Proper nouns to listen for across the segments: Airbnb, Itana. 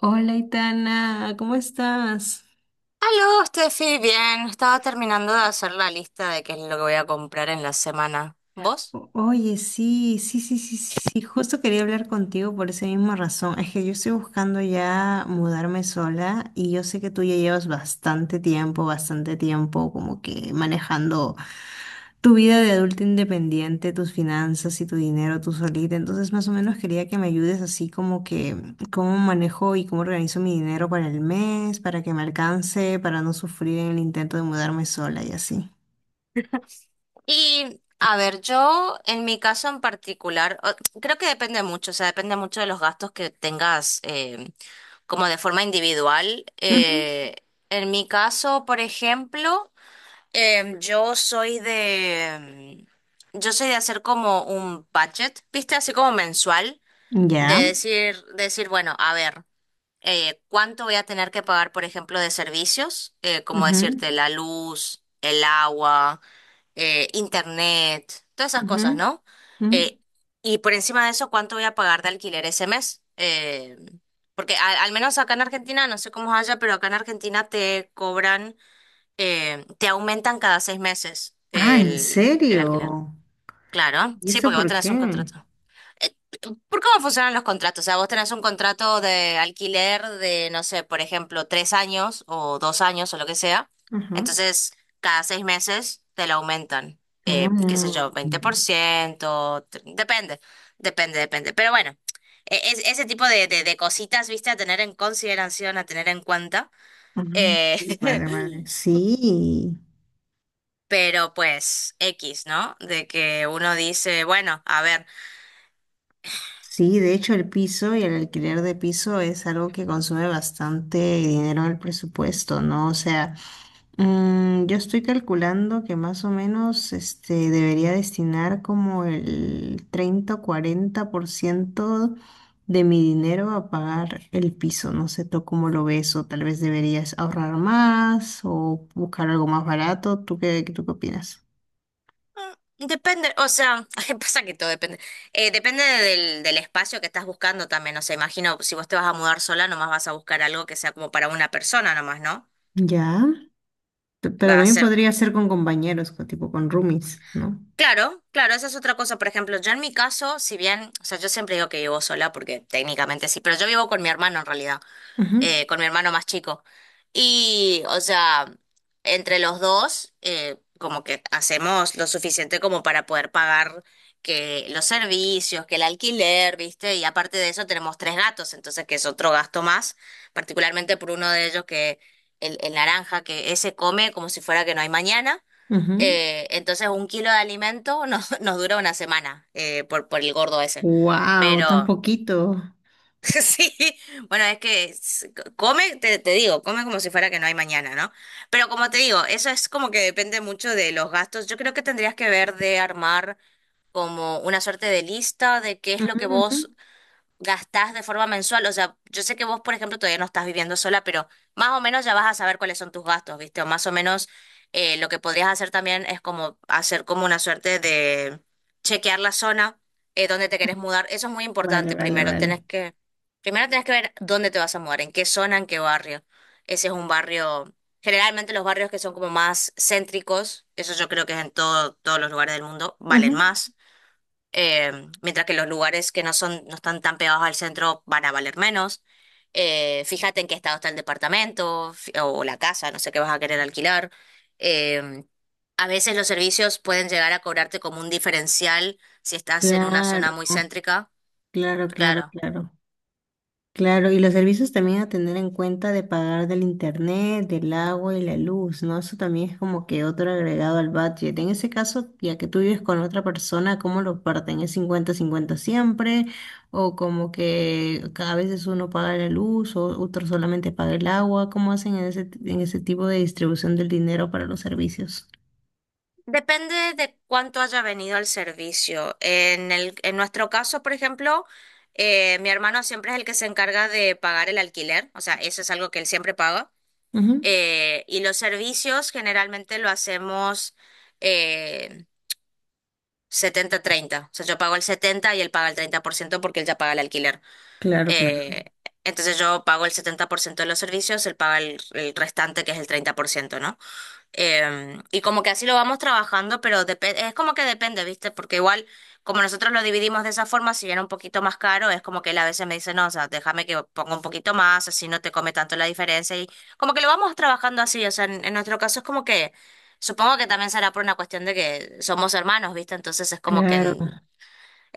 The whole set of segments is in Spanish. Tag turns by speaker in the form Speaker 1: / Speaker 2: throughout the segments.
Speaker 1: Hola, Itana, ¿cómo estás?
Speaker 2: Aló, Steffi, bien. Estaba terminando de hacer la lista de qué es lo que voy a comprar en la semana. ¿Vos?
Speaker 1: Oye, sí, sí, sí, sí, sí, sí, justo quería hablar contigo por esa misma razón. Es que yo estoy buscando ya mudarme sola y yo sé que tú ya llevas bastante tiempo como que manejando tu vida de adulta independiente, tus finanzas y tu dinero tú solita. Entonces, más o menos quería que me ayudes así como que cómo manejo y cómo organizo mi dinero para el mes, para que me alcance, para no sufrir en el intento de mudarme sola y así.
Speaker 2: Y, a ver, yo en mi caso en particular, creo que depende mucho, o sea, depende mucho de los gastos que tengas como de forma individual. En mi caso, por ejemplo, yo soy de, yo soy de hacer como un budget, ¿viste? Así como mensual, de
Speaker 1: Ya.
Speaker 2: decir, bueno, a ver. Cuánto voy a tener que pagar, por ejemplo, de servicios, como decirte,
Speaker 1: Ujú,
Speaker 2: la luz, el agua, internet, todas esas
Speaker 1: ujú,
Speaker 2: cosas, ¿no?
Speaker 1: ujú.
Speaker 2: Eh, y por encima de eso, cuánto voy a pagar de alquiler ese mes. Porque al menos acá en Argentina, no sé cómo es allá, pero acá en Argentina te cobran, te aumentan cada seis meses
Speaker 1: Ah, ¿en
Speaker 2: el alquiler.
Speaker 1: serio?
Speaker 2: Claro,
Speaker 1: ¿Y
Speaker 2: sí,
Speaker 1: eso
Speaker 2: porque vos
Speaker 1: por
Speaker 2: tenés un
Speaker 1: qué?
Speaker 2: contrato. Eh, ¿Por cómo funcionan los contratos? O sea, vos tenés un contrato de alquiler de, no sé, por ejemplo, tres años o dos años o lo que sea.
Speaker 1: Ajá.
Speaker 2: Entonces, cada seis meses te lo aumentan, qué sé
Speaker 1: Ah,
Speaker 2: yo, 20%, depende, depende. Pero bueno, es, ese tipo de cositas, viste, a tener en consideración, a tener en cuenta.
Speaker 1: ah.
Speaker 2: Eh,
Speaker 1: Vale, vale. Sí,
Speaker 2: pero pues, X, ¿no? De que uno dice, bueno, a ver.
Speaker 1: sí, de hecho el piso y el alquiler de piso es algo que consume bastante dinero en el presupuesto, ¿no? O sea, yo estoy calculando que más o menos debería destinar como el 30% o 40% de mi dinero a pagar el piso. No sé tú cómo lo ves, o tal vez deberías ahorrar más o buscar algo más barato. ¿Tú qué opinas?
Speaker 2: Mm, depende, o sea, que pasa que todo depende. Depende del espacio que estás buscando también. O sea, imagino si vos te vas a mudar sola, nomás vas a buscar algo que sea como para una persona nomás, ¿no?
Speaker 1: Ya. Pero
Speaker 2: Va a
Speaker 1: también
Speaker 2: ser.
Speaker 1: podría ser con compañeros, tipo con roomies, no.
Speaker 2: Claro, claro, esa es otra cosa. Por ejemplo, yo en mi caso, si bien, o sea, yo siempre digo que vivo sola porque técnicamente sí, pero yo vivo con mi hermano en realidad. Con mi hermano más chico. Y, o sea, entre los dos, como que hacemos lo suficiente como para poder pagar que los servicios, que el alquiler, ¿viste? Y aparte de eso tenemos tres gatos, entonces que es otro gasto más, particularmente por uno de ellos que el naranja, que ese come como si fuera que no hay mañana. Entonces un kilo de alimento nos, nos dura una semana por el gordo ese.
Speaker 1: Wow, tan
Speaker 2: Pero...
Speaker 1: poquito.
Speaker 2: Sí, bueno, come, te digo, come como si fuera que no hay mañana, ¿no? Pero como te digo, eso es como que depende mucho de los gastos. Yo creo que tendrías que ver de armar como una suerte de lista de qué es lo
Speaker 1: Ujú,
Speaker 2: que
Speaker 1: ujú.
Speaker 2: vos gastás de forma mensual. O sea, yo sé que vos, por ejemplo, todavía no estás viviendo sola, pero más o menos ya vas a saber cuáles son tus gastos, ¿viste? O más o menos lo que podrías hacer también es como hacer como una suerte de chequear la zona donde te querés mudar. Eso es muy
Speaker 1: Vale,
Speaker 2: importante.
Speaker 1: vale, vale.
Speaker 2: Primero tenés que ver dónde te vas a mudar, en qué zona, en qué barrio. Ese es un barrio. Generalmente los barrios que son como más céntricos, eso yo creo que es en todos los lugares del mundo, valen
Speaker 1: Ujú.
Speaker 2: más eh, mientras que los lugares que no son, no están tan pegados al centro van a valer menos. Fíjate en qué estado está el departamento o la casa, no sé qué vas a querer alquilar. Eh, a veces los servicios pueden llegar a cobrarte como un diferencial si estás en una zona
Speaker 1: Claro.
Speaker 2: muy céntrica.
Speaker 1: Claro, claro,
Speaker 2: Claro.
Speaker 1: claro. Claro, y los servicios también a tener en cuenta de pagar del internet, del agua y la luz, ¿no? Eso también es como que otro agregado al budget. En ese caso, ya que tú vives con otra persona, ¿cómo lo parten? ¿Es 50-50 siempre? ¿O como que a veces uno paga la luz o otro solamente paga el agua? ¿Cómo hacen en ese tipo de distribución del dinero para los servicios?
Speaker 2: Depende de cuánto haya venido el servicio. En nuestro caso, por ejemplo, mi hermano siempre es el que se encarga de pagar el alquiler, o sea, eso es algo que él siempre paga.
Speaker 1: Ujú.
Speaker 2: Y los servicios generalmente lo hacemos eh, 70-30. O sea, yo pago el 70 y él paga el 30% porque él ya paga el alquiler.
Speaker 1: Claro, claro,
Speaker 2: Eh, entonces yo pago el 70% de los servicios, él paga el restante que es el treinta por ciento, ¿no? Y como que así lo vamos trabajando, pero es como que depende, ¿viste? Porque igual, como nosotros lo dividimos de esa forma, si era un poquito más caro, es como que él a veces me dice, no, o sea, déjame que ponga un poquito más, así no te come tanto la diferencia. Y como que lo vamos trabajando así, o sea, en nuestro caso es como que, supongo que también será por una cuestión de que somos hermanos, ¿viste? Entonces es como que
Speaker 1: claro.
Speaker 2: mm,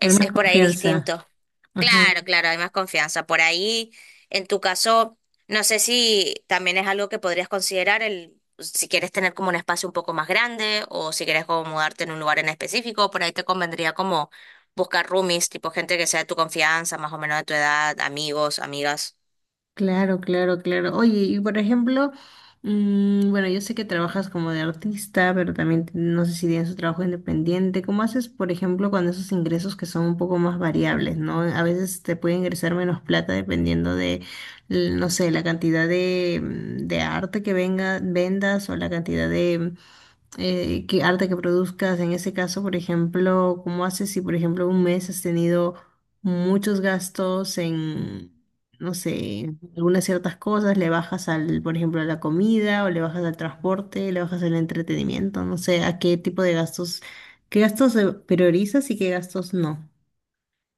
Speaker 1: Hay
Speaker 2: es
Speaker 1: más
Speaker 2: por ahí
Speaker 1: confianza.
Speaker 2: distinto.
Speaker 1: Ajá.
Speaker 2: Claro, claro, hay más confianza. Por ahí, en tu caso, no sé si también es algo que podrías considerar el, si quieres tener como un espacio un poco más grande o si quieres como mudarte en un lugar en específico, por ahí te convendría como buscar roomies, tipo gente que sea de tu confianza, más o menos de tu edad, amigos, amigas.
Speaker 1: Claro, claro, claro. Oye, y por ejemplo, bueno, yo sé que trabajas como de artista, pero también no sé si tienes un trabajo independiente. ¿Cómo haces, por ejemplo, con esos ingresos que son un poco más variables, ¿no? A veces te puede ingresar menos plata dependiendo de, no sé, la cantidad de, de arte que venga, vendas o la cantidad de, qué arte que produzcas. En ese caso, por ejemplo, ¿cómo haces si, por ejemplo, un mes has tenido muchos gastos en, no sé, algunas ciertas cosas? ¿Le bajas al, por ejemplo, a la comida o le bajas al transporte, le bajas al entretenimiento? No sé, ¿a qué tipo de gastos, qué gastos priorizas y qué gastos no?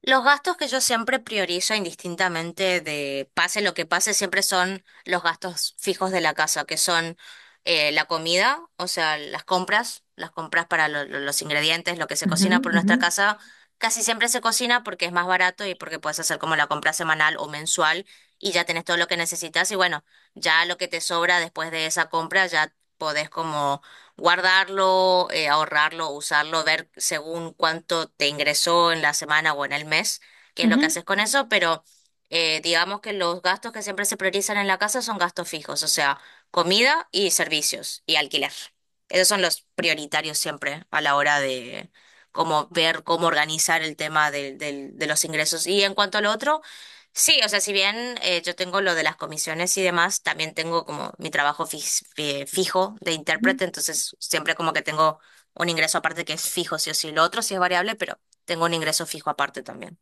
Speaker 2: Los gastos que yo siempre priorizo indistintamente de pase lo que pase, siempre son los gastos fijos de la casa, que son la comida, o sea, las compras para los ingredientes, lo que se
Speaker 1: Ujú,
Speaker 2: cocina por
Speaker 1: ujú,
Speaker 2: nuestra casa, casi siempre se cocina porque es más barato y porque puedes hacer como la compra semanal o mensual y ya tenés todo lo que necesitas y bueno, ya lo que te sobra después de esa compra ya podés como guardarlo, ahorrarlo, usarlo, ver según cuánto te ingresó en la semana o en el mes, qué es lo que
Speaker 1: ujú,
Speaker 2: haces con eso, pero digamos que los gastos que siempre se priorizan en la casa son gastos fijos, o sea, comida y servicios y alquiler. Esos son los prioritarios siempre a la hora de cómo ver, cómo organizar el tema de los ingresos. Y en cuanto al otro sí, o sea, si bien yo tengo lo de las comisiones y demás, también tengo como mi trabajo fijo de
Speaker 1: ujú.
Speaker 2: intérprete, entonces siempre como que tengo un ingreso aparte que es fijo, sí o sí. Lo otro sí es variable, pero tengo un ingreso fijo aparte también.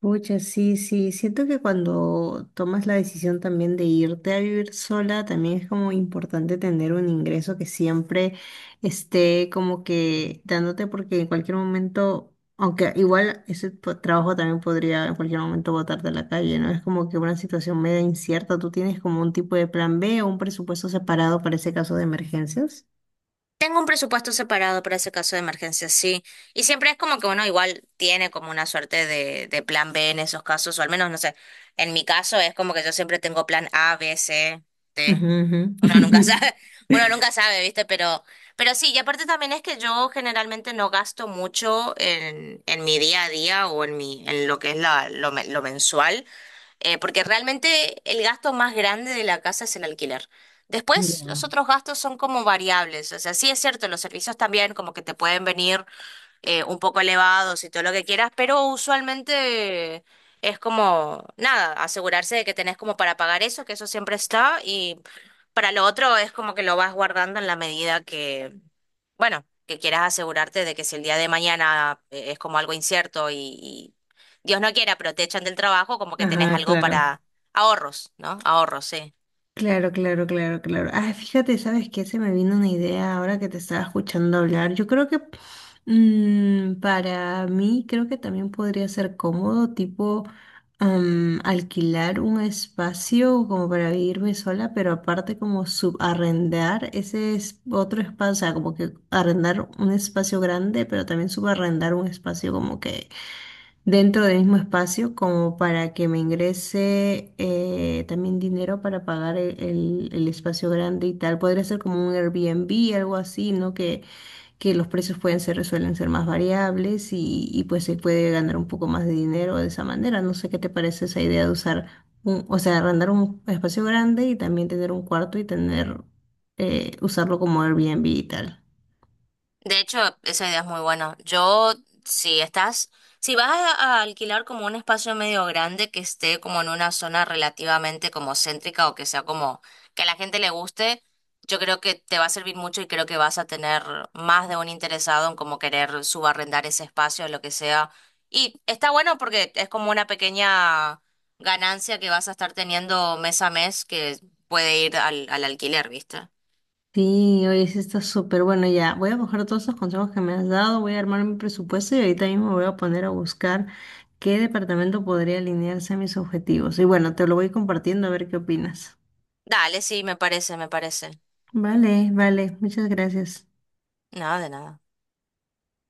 Speaker 1: Pucha, sí, sí. Siento que cuando tomas la decisión también de irte a vivir sola, también es como importante tener un ingreso que siempre esté como que dándote, porque en cualquier momento, aunque igual ese trabajo también podría en cualquier momento botarte a la calle, ¿no? Es como que una situación media incierta. ¿Tú tienes como un tipo de plan B o un presupuesto separado para ese caso de emergencias?
Speaker 2: Tengo un presupuesto separado para ese caso de emergencia, sí. Y siempre es como que uno igual tiene como una suerte de plan B en esos casos, o al menos, no sé, en mi caso es como que yo siempre tengo plan A, B, C,
Speaker 1: Ujú,
Speaker 2: D.
Speaker 1: ujú.
Speaker 2: Uno nunca sabe, uno nunca sabe, ¿viste? Pero sí, y aparte también es que yo generalmente no gasto mucho en mi día a día o en mi, en lo que es la, lo, lo mensual, porque realmente el gasto más grande de la casa es el alquiler. Después, los
Speaker 1: Ya.
Speaker 2: otros gastos son como variables. O sea, sí es cierto, los servicios también como que te pueden venir un poco elevados y todo lo que quieras, pero usualmente es como, nada, asegurarse de que tenés como para pagar eso, que eso siempre está, y para lo otro es como que lo vas guardando en la medida que, bueno, que quieras asegurarte de que si el día de mañana es como algo incierto y Dios no quiera, pero te echan del trabajo, como que tenés
Speaker 1: Ajá,
Speaker 2: algo
Speaker 1: claro.
Speaker 2: para ahorros, ¿no? Ahorros, sí.
Speaker 1: Claro, claro, claro, claro. Ah, fíjate, ¿sabes qué? Se me vino una idea ahora que te estaba escuchando hablar. Yo creo que para mí creo que también podría ser cómodo, tipo alquilar un espacio como para vivirme sola, pero aparte como subarrendar ese es otro espacio, o sea, como que arrendar un espacio grande, pero también subarrendar un espacio como que dentro del mismo espacio como para que me ingrese también dinero para pagar el espacio grande y tal. Podría ser como un Airbnb, algo así, ¿no? Que los precios pueden ser, suelen ser más variables y pues se puede ganar un poco más de dinero de esa manera. No sé qué te parece esa idea de usar un, o sea, arrendar un espacio grande y también tener un cuarto y tener, usarlo como Airbnb y tal.
Speaker 2: De hecho, esa idea es muy buena. Yo, si estás, si vas a alquilar como un espacio medio grande que esté como en una zona relativamente como céntrica o que sea como que a la gente le guste, yo creo que te va a servir mucho y creo que vas a tener más de un interesado en como querer subarrendar ese espacio o lo que sea. Y está bueno porque es como una pequeña ganancia que vas a estar teniendo mes a mes que puede ir al alquiler, ¿viste?
Speaker 1: Sí, oye, sí está súper bueno. Ya, voy a coger todos esos consejos que me has dado, voy a armar mi presupuesto y ahorita mismo me voy a poner a buscar qué departamento podría alinearse a mis objetivos. Y bueno, te lo voy compartiendo a ver qué opinas.
Speaker 2: Dale, sí, me parece, me parece.
Speaker 1: Vale, vale, muchas gracias.
Speaker 2: Nada de nada.